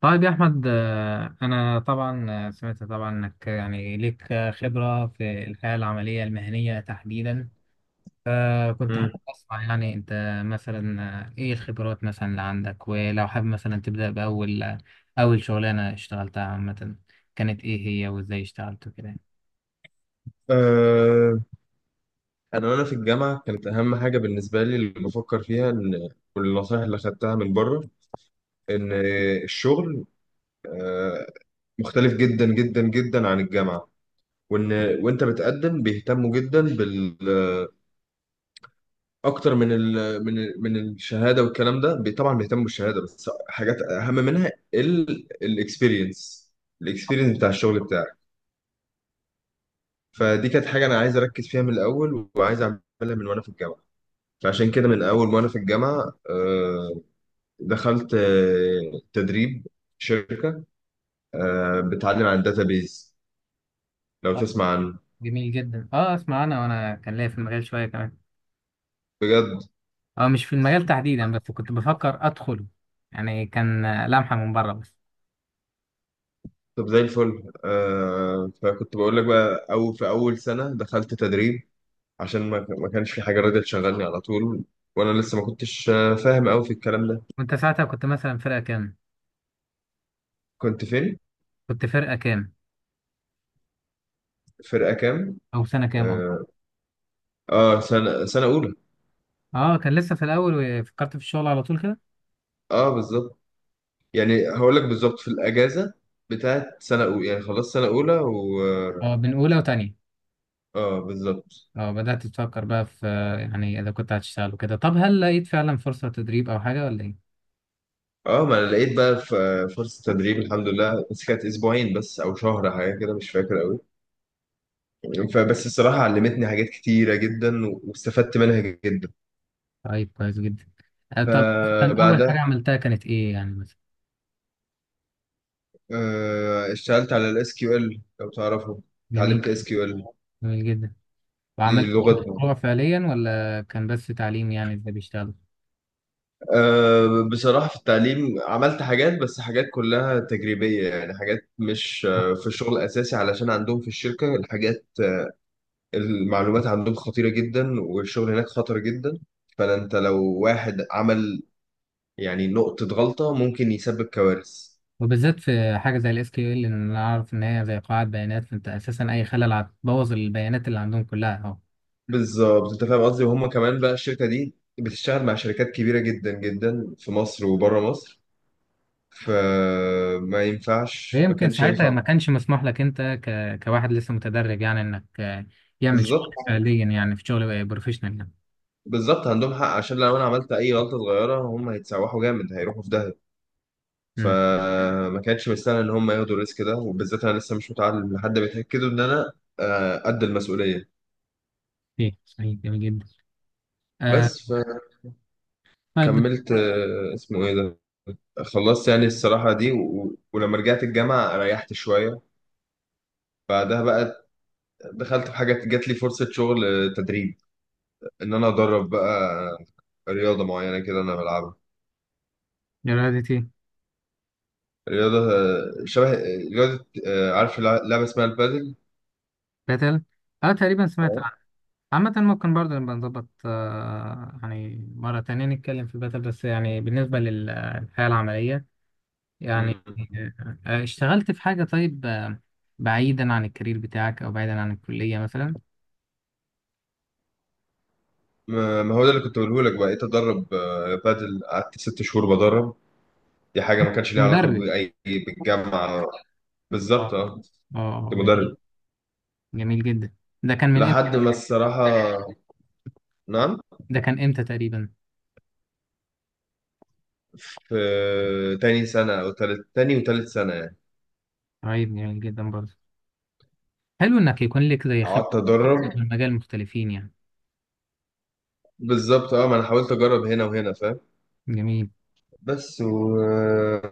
طيب يا أحمد، أنا طبعا، سمعت طبعا إنك يعني ليك خبرة في الحياة العملية المهنية تحديدا. كنت حابب مم. أسمع، يعني أنت مثلا، إيه الخبرات مثلا اللي عندك؟ ولو حابب مثلا تبدأ بأول أول شغلانة اشتغلتها عامة، كانت إيه هي؟ وإزاي اشتغلت وكده؟ آه، انا وانا في الجامعه كانت اهم حاجه بالنسبه لي اللي بفكر فيها ان والنصائح اللي خدتها من بره ان الشغل آه، مختلف جدا جدا جدا عن الجامعه وان وانت بتقدم بيهتموا جدا بال اكتر من الشهاده والكلام ده طبعا بيهتموا بالشهاده بس حاجات اهم منها الاكسبيرينس الاكسبيرينس بتاع الشغل بتاعك. فدي كانت حاجه انا عايز اركز فيها من الاول وعايز اعملها من وانا في الجامعه. فعشان كده من أول ما أنا في الجامعة دخلت تدريب في شركة بتعلم عن الداتابيز، لو طيب، تسمع عنه. جميل جدا. أسمع، أنا وأنا كان ليا في المجال شوية كمان. بجد؟ مش في المجال تحديدا، بس كنت بفكر أدخله، يعني كان لمحة من بره بس. طب زي الفل. فكنت بقول لك بقى، أو في أول سنة دخلت تدريب عشان ما كانش في حاجة راضية تشغلني على طول، وأنا لسه ما كنتش فاهم أوي في الكلام ده. وأنت ساعتها كنت مثلا فرقة كام؟ كنت فين؟ كنت فرقة كام؟ فرقة كام؟ او سنه كام؟ اه. آه آه، سنة أولى. اه، كان لسه في الاول، وفكرت في الشغل على طول كده. آه بالظبط. يعني هقول لك بالظبط في الأجازة بتاعت سنة أولى، يعني خلاص سنة أولى. اه، بين اولى وتانية. اه بالظبط. اه، بدات تفكر بقى في يعني اذا كنت هتشتغل وكده. طب هل لقيت فعلا فرصه تدريب او حاجه ولا ايه؟ اه ما انا لقيت بقى فرصة تدريب الحمد لله، بس كانت اسبوعين بس او شهر، حاجة كده مش فاكر قوي. فبس الصراحة علمتني حاجات كتيرة جدا واستفدت منها جدا. طيب، كويس جدا. طب مثلا اول فبعدها حاجه عملتها كانت ايه يعني مثلا؟ اشتغلت على الاس كيو ال، لو تعرفه. جميل. اتعلمت اس كيو ال. جميل جدا. دي وعملت لغة. إيه؟ مشروع فعليا ولا كان بس تعليم يعني ازاي بيشتغلوا؟ بصراحة في التعليم عملت حاجات، بس حاجات كلها تجريبية، يعني حاجات مش آه. في الشغل الأساسي، علشان عندهم في الشركة الحاجات، المعلومات عندهم خطيرة جدا والشغل هناك خطر جدا. فانت لو واحد عمل يعني نقطة غلطة ممكن يسبب كوارث. وبالذات في حاجه زي SQL، ان انا اعرف ان هي زي قاعده بيانات، فانت اساسا اي خلل هتبوظ البيانات اللي عندهم كلها اهو. بالظبط انت فاهم قصدي، وهم كمان بقى الشركة دي بتشتغل مع شركات كبيرة جدا جدا في مصر وبره مصر، فما ينفعش، ما فيمكن كانش ساعتها ما ينفع. كانش مسموح لك، انت كواحد لسه متدرب، يعني انك يعمل شغل بالظبط. فعليا، يعني في شغل بروفيشنال يعني. بالظبط عندهم حق، عشان لو انا عملت اي غلطة صغيرة هم هيتسوحوا جامد، هيروحوا في داهية. امم فما كانتش مستاهله ان هم ياخدوا الريسك ده، وبالذات انا لسه مش متعلم لحد ما يتاكدوا ان انا قد المسؤوليه. ايه، صحيح، جميل جدا. آه بس طيب، فكملت اسمه ايه ده، خلصت يعني الصراحه دي ولما رجعت الجامعه ريحت شويه. بعدها بقى دخلت في حاجه، جات لي فرصه شغل، تدريب ان انا ادرب بقى رياضه معينه كده انا بلعبها. ده رياضة ايه؟ رياضه شبه، رياضه، عارف لعبه اسمها البادل. باتل. اه، تقريبا سمعت عنه. عامة ممكن برضه نبقى نظبط، يعني مرة تانية نتكلم في باتل، بس يعني بالنسبة للحياة العملية يعني اه، آه اشتغلت في حاجة طيب، بعيدا عن الكارير بتاعك او بعيدا عن الكلية مثلا؟ ما ما هو ده اللي كنت بقوله لك، بقيت ادرب بادل، قعدت ست شهور بدرب. دي حاجه ما كانش ليها علاقه مدرب. باي بالجامعه. بالظبط اه، اه. اه، كنت جميل. مدرب. جميل جدا. ده كان من امتى؟ لحد ما الصراحه، نعم؟ ده كان امتى تقريبا؟ في تاني سنه او تالت، تاني وتالت سنه يعني. طيب، جميل جدا برضه، حلو انك يكون لك زي خبرة قعدت اكتر ادرب. من مجال مختلفين يعني. بالظبط اه، ما انا حاولت اجرب هنا وهنا، فاهم. جميل. بس والصراحه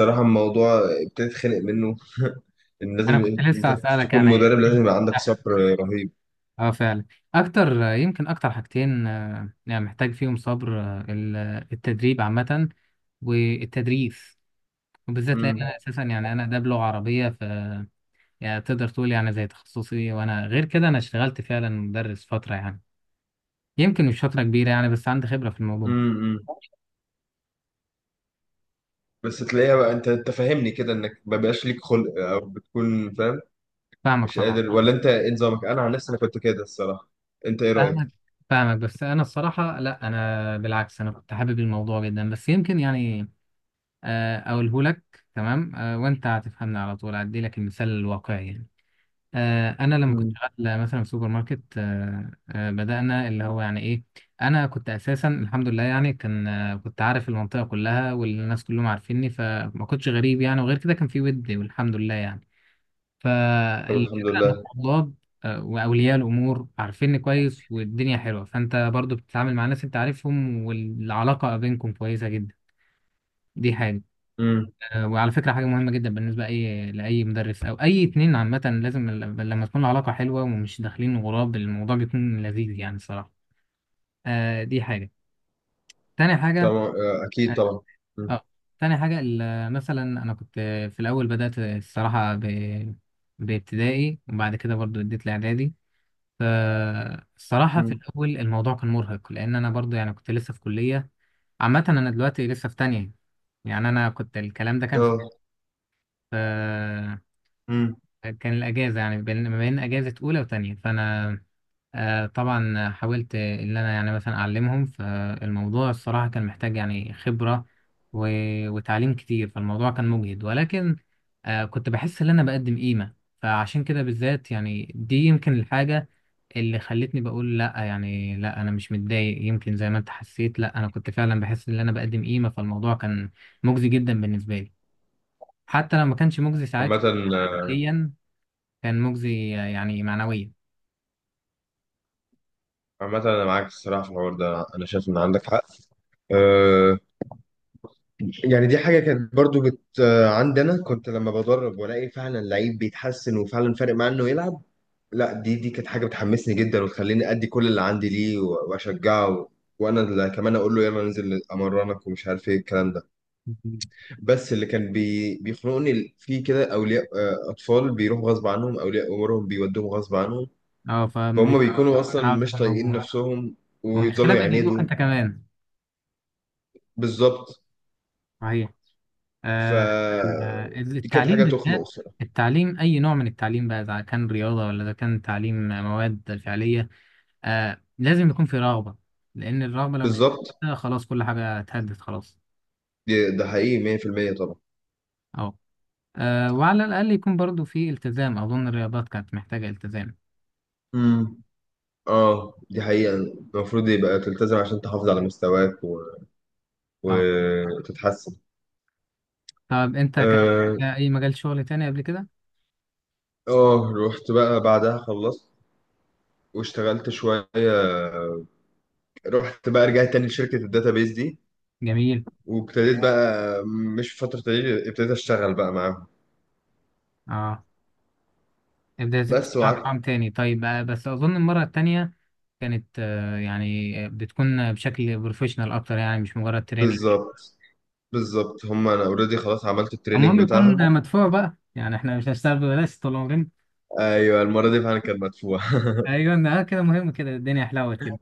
الموضوع ابتديت خنق منه ان انا لازم كنت انت لسه هسألك تكون يعني، مدرب إيه لازم يبقى عندك ده؟ صبر رهيب. اه، فعلا. اكتر، يمكن اكتر حاجتين يعني محتاج فيهم صبر، التدريب عامة، والتدريس. وبالذات لان امم انا اساسا يعني انا ده بلغة عربية، ف، يعني تقدر تقول يعني زي تخصصي، وانا غير كده انا اشتغلت فعلا مدرس فترة يعني. يمكن مش فترة كبيرة يعني، بس عندي خبرة في الموضوع. امم بس تلاقيها بقى، انت فاهمني كده، انك ما بقاش ليك خلق او بتكون فاهم فاهمك مش طبعا. قادر، ولا انت ايه نظامك؟ انا عن نفسي انا كنت كده الصراحه. انت ايه رايك؟ فاهمك، فاهمك، بس انا الصراحه لا، انا بالعكس، انا كنت حابب الموضوع جدا بس يمكن يعني. اقوله لك تمام، وانت هتفهمني على طول، هدي لك المثال الواقعي يعني. انا لما كنت مم. شغال مثلا في سوبر ماركت، بدانا اللي هو يعني ايه. انا كنت اساسا الحمد لله، يعني كان، كنت عارف المنطقه كلها والناس كلهم عارفيني، فما كنتش غريب يعني، وغير كده كان في ود والحمد لله يعني. طب الحمد فالفكرة إن لله. الطلاب وأولياء الأمور عارفيني كويس، والدنيا حلوة، فأنت برضو بتتعامل مع ناس أنت عارفهم، والعلاقة ما بينكم كويسة جدا. دي حاجة. امم وعلى فكرة، حاجة مهمة جدا بالنسبة لأي مدرس أو أي اتنين عامة، لازم لما تكون العلاقة حلوة ومش داخلين غراب، الموضوع بيكون لذيذ يعني الصراحة. دي حاجة. تاني حاجة. طبعا، اكيد اه، طبعا. مم. آه، تاني حاجة، مثلا أنا كنت في الأول بدأت الصراحة بابتدائي، وبعد كده برضو اديت لإعدادي. فالصراحة في مم. الأول الموضوع كان مرهق، لأن أنا برضو يعني كنت لسه في كلية. عامة أنا دلوقتي لسه في تانية. يعني أنا كنت، الكلام ده كان في اه. آه، امم كان الأجازة يعني ما بين أجازة أولى وتانية، فأنا طبعا حاولت إن أنا يعني مثلا أعلمهم، فالموضوع الصراحة كان محتاج يعني خبرة وتعليم كتير، فالموضوع كان مجهد ولكن كنت بحس إن أنا بقدم قيمة. فعشان كده بالذات يعني، دي يمكن الحاجة اللي خلتني بقول لا، يعني لا انا مش متضايق يمكن زي ما انت حسيت، لا انا كنت فعلا بحس ان انا بقدم قيمه، فالموضوع كان مجزي جدا بالنسبه لي. حتى لو ما كانش مجزي ساعتها عامة. ماديا، كان مجزي يعني معنويا. عامة أنا معاك الصراحة في الحوار ده، أنا شايف إن عندك حق. أه يعني دي حاجة كانت برضو بت عندي، أنا كنت لما بدرب وألاقي فعلا لعيب بيتحسن وفعلا فارق معاه إنه يلعب، لا دي كانت حاجة بتحمسني جدا وتخليني أدي كل اللي عندي ليه، وأشجعه، وأنا اللي كمان أقول له يلا ننزل أمرنك ومش عارف إيه الكلام ده. مم. بس اللي كان بيخنقني فيه كده أولياء، أطفال بيروحوا غصب عنهم، أولياء أمورهم بيودوهم غصب عنهم، اه، فما فهم بيكونوا أصلا انا عاوز مش اكون طايقين موجود. نفسهم، والمشكله ويفضلوا بيضايقوك يعاندوا. انت كمان. بالظبط. صحيح. ف آه. دي كانت التعليم حاجة تخنق بالذات، الصراحة. التعليم اي نوع من التعليم بقى، اذا كان رياضه ولا اذا كان تعليم مواد فعليه، لازم يكون في رغبة. لأن الرغبة لو مش بالظبط. موجودة، خلاص كل حاجة اتهدت خلاص. ده حقيقي 100% طبعا. أهو. وعلى الأقل يكون برضو في التزام، أظن الرياضات كانت محتاجة التزام. امم اه دي حقيقة المفروض يبقى تلتزم عشان تحافظ على مستواك طبعا. وتتحسن. طب أنت كان اه. أي مجال شغل تاني قبل كده؟ رحت بقى بعدها، خلصت واشتغلت شوية، رحت بقى رجعت تاني لشركة الداتابيز دي، جميل. وابتديت بقى مش في فترة تدريب، ابتديت اشتغل بقى معاهم. أه ابدأ بس تشتغل رقم وقعدت. تاني. طيب، بس أظن المرة التانية كانت، يعني بتكون بشكل بروفيشنال أكتر، يعني مش مجرد تريننج. بالظبط. بالظبط، هم انا اوريدي خلاص عملت المهم التريننج يكون بتاعهم. مدفوع بقى، يعني احنا مش هنشتغل ببلاش طول عمرنا. ايوه المرة دي فعلا كان مدفوع أيوة. كده مهم، كده الدنيا حلوت كده.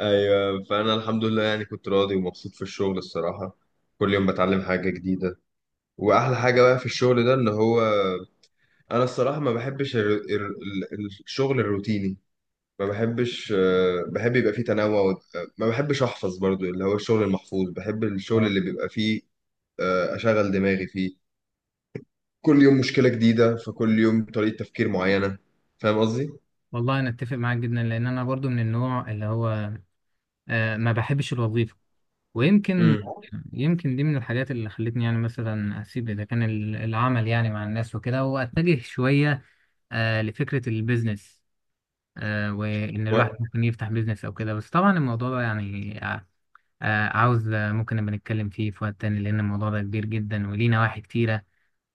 ايوه فانا الحمد لله يعني كنت راضي ومبسوط في الشغل الصراحه. كل يوم بتعلم حاجه جديده. واحلى حاجه بقى في الشغل ده ان هو، انا الصراحه ما بحبش الشغل الروتيني، ما بحبش. بحب يبقى فيه تنوع ما بحبش احفظ برضو اللي هو الشغل المحفوظ، بحب الشغل اللي بيبقى فيه اشغل دماغي فيه، كل يوم مشكله جديده، فكل يوم طريقه تفكير معينه، فاهم قصدي؟ والله انا اتفق معاك جدا، لان انا برضو من النوع اللي هو ما بحبش الوظيفه. ويمكن امم يمكن دي من الحاجات اللي خلتني يعني مثلا اسيب، اذا كان العمل يعني مع الناس وكده، واتجه شويه لفكره البيزنس. وان الواحد ممكن يفتح بيزنس او كده، بس طبعا الموضوع ده يعني، عاوز ممكن نبقى نتكلم فيه في وقت تاني، لان الموضوع ده كبير جدا وليه نواحي كتيره.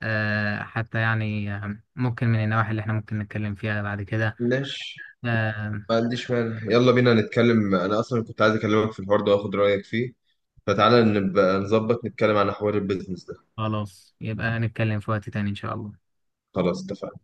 حتى يعني ممكن من النواحي اللي احنا ممكن نتكلم فيها بعد كده. ماشي، آه، ما عنديش مانع يلا بينا نتكلم، انا اصلا كنت عايز اكلمك في الحوار ده واخد رايك فيه، فتعالى نبقى نظبط نتكلم عن حوار البيزنس ده. خلاص، يبقى هنتكلم في وقت تاني إن شاء الله. خلاص اتفقنا.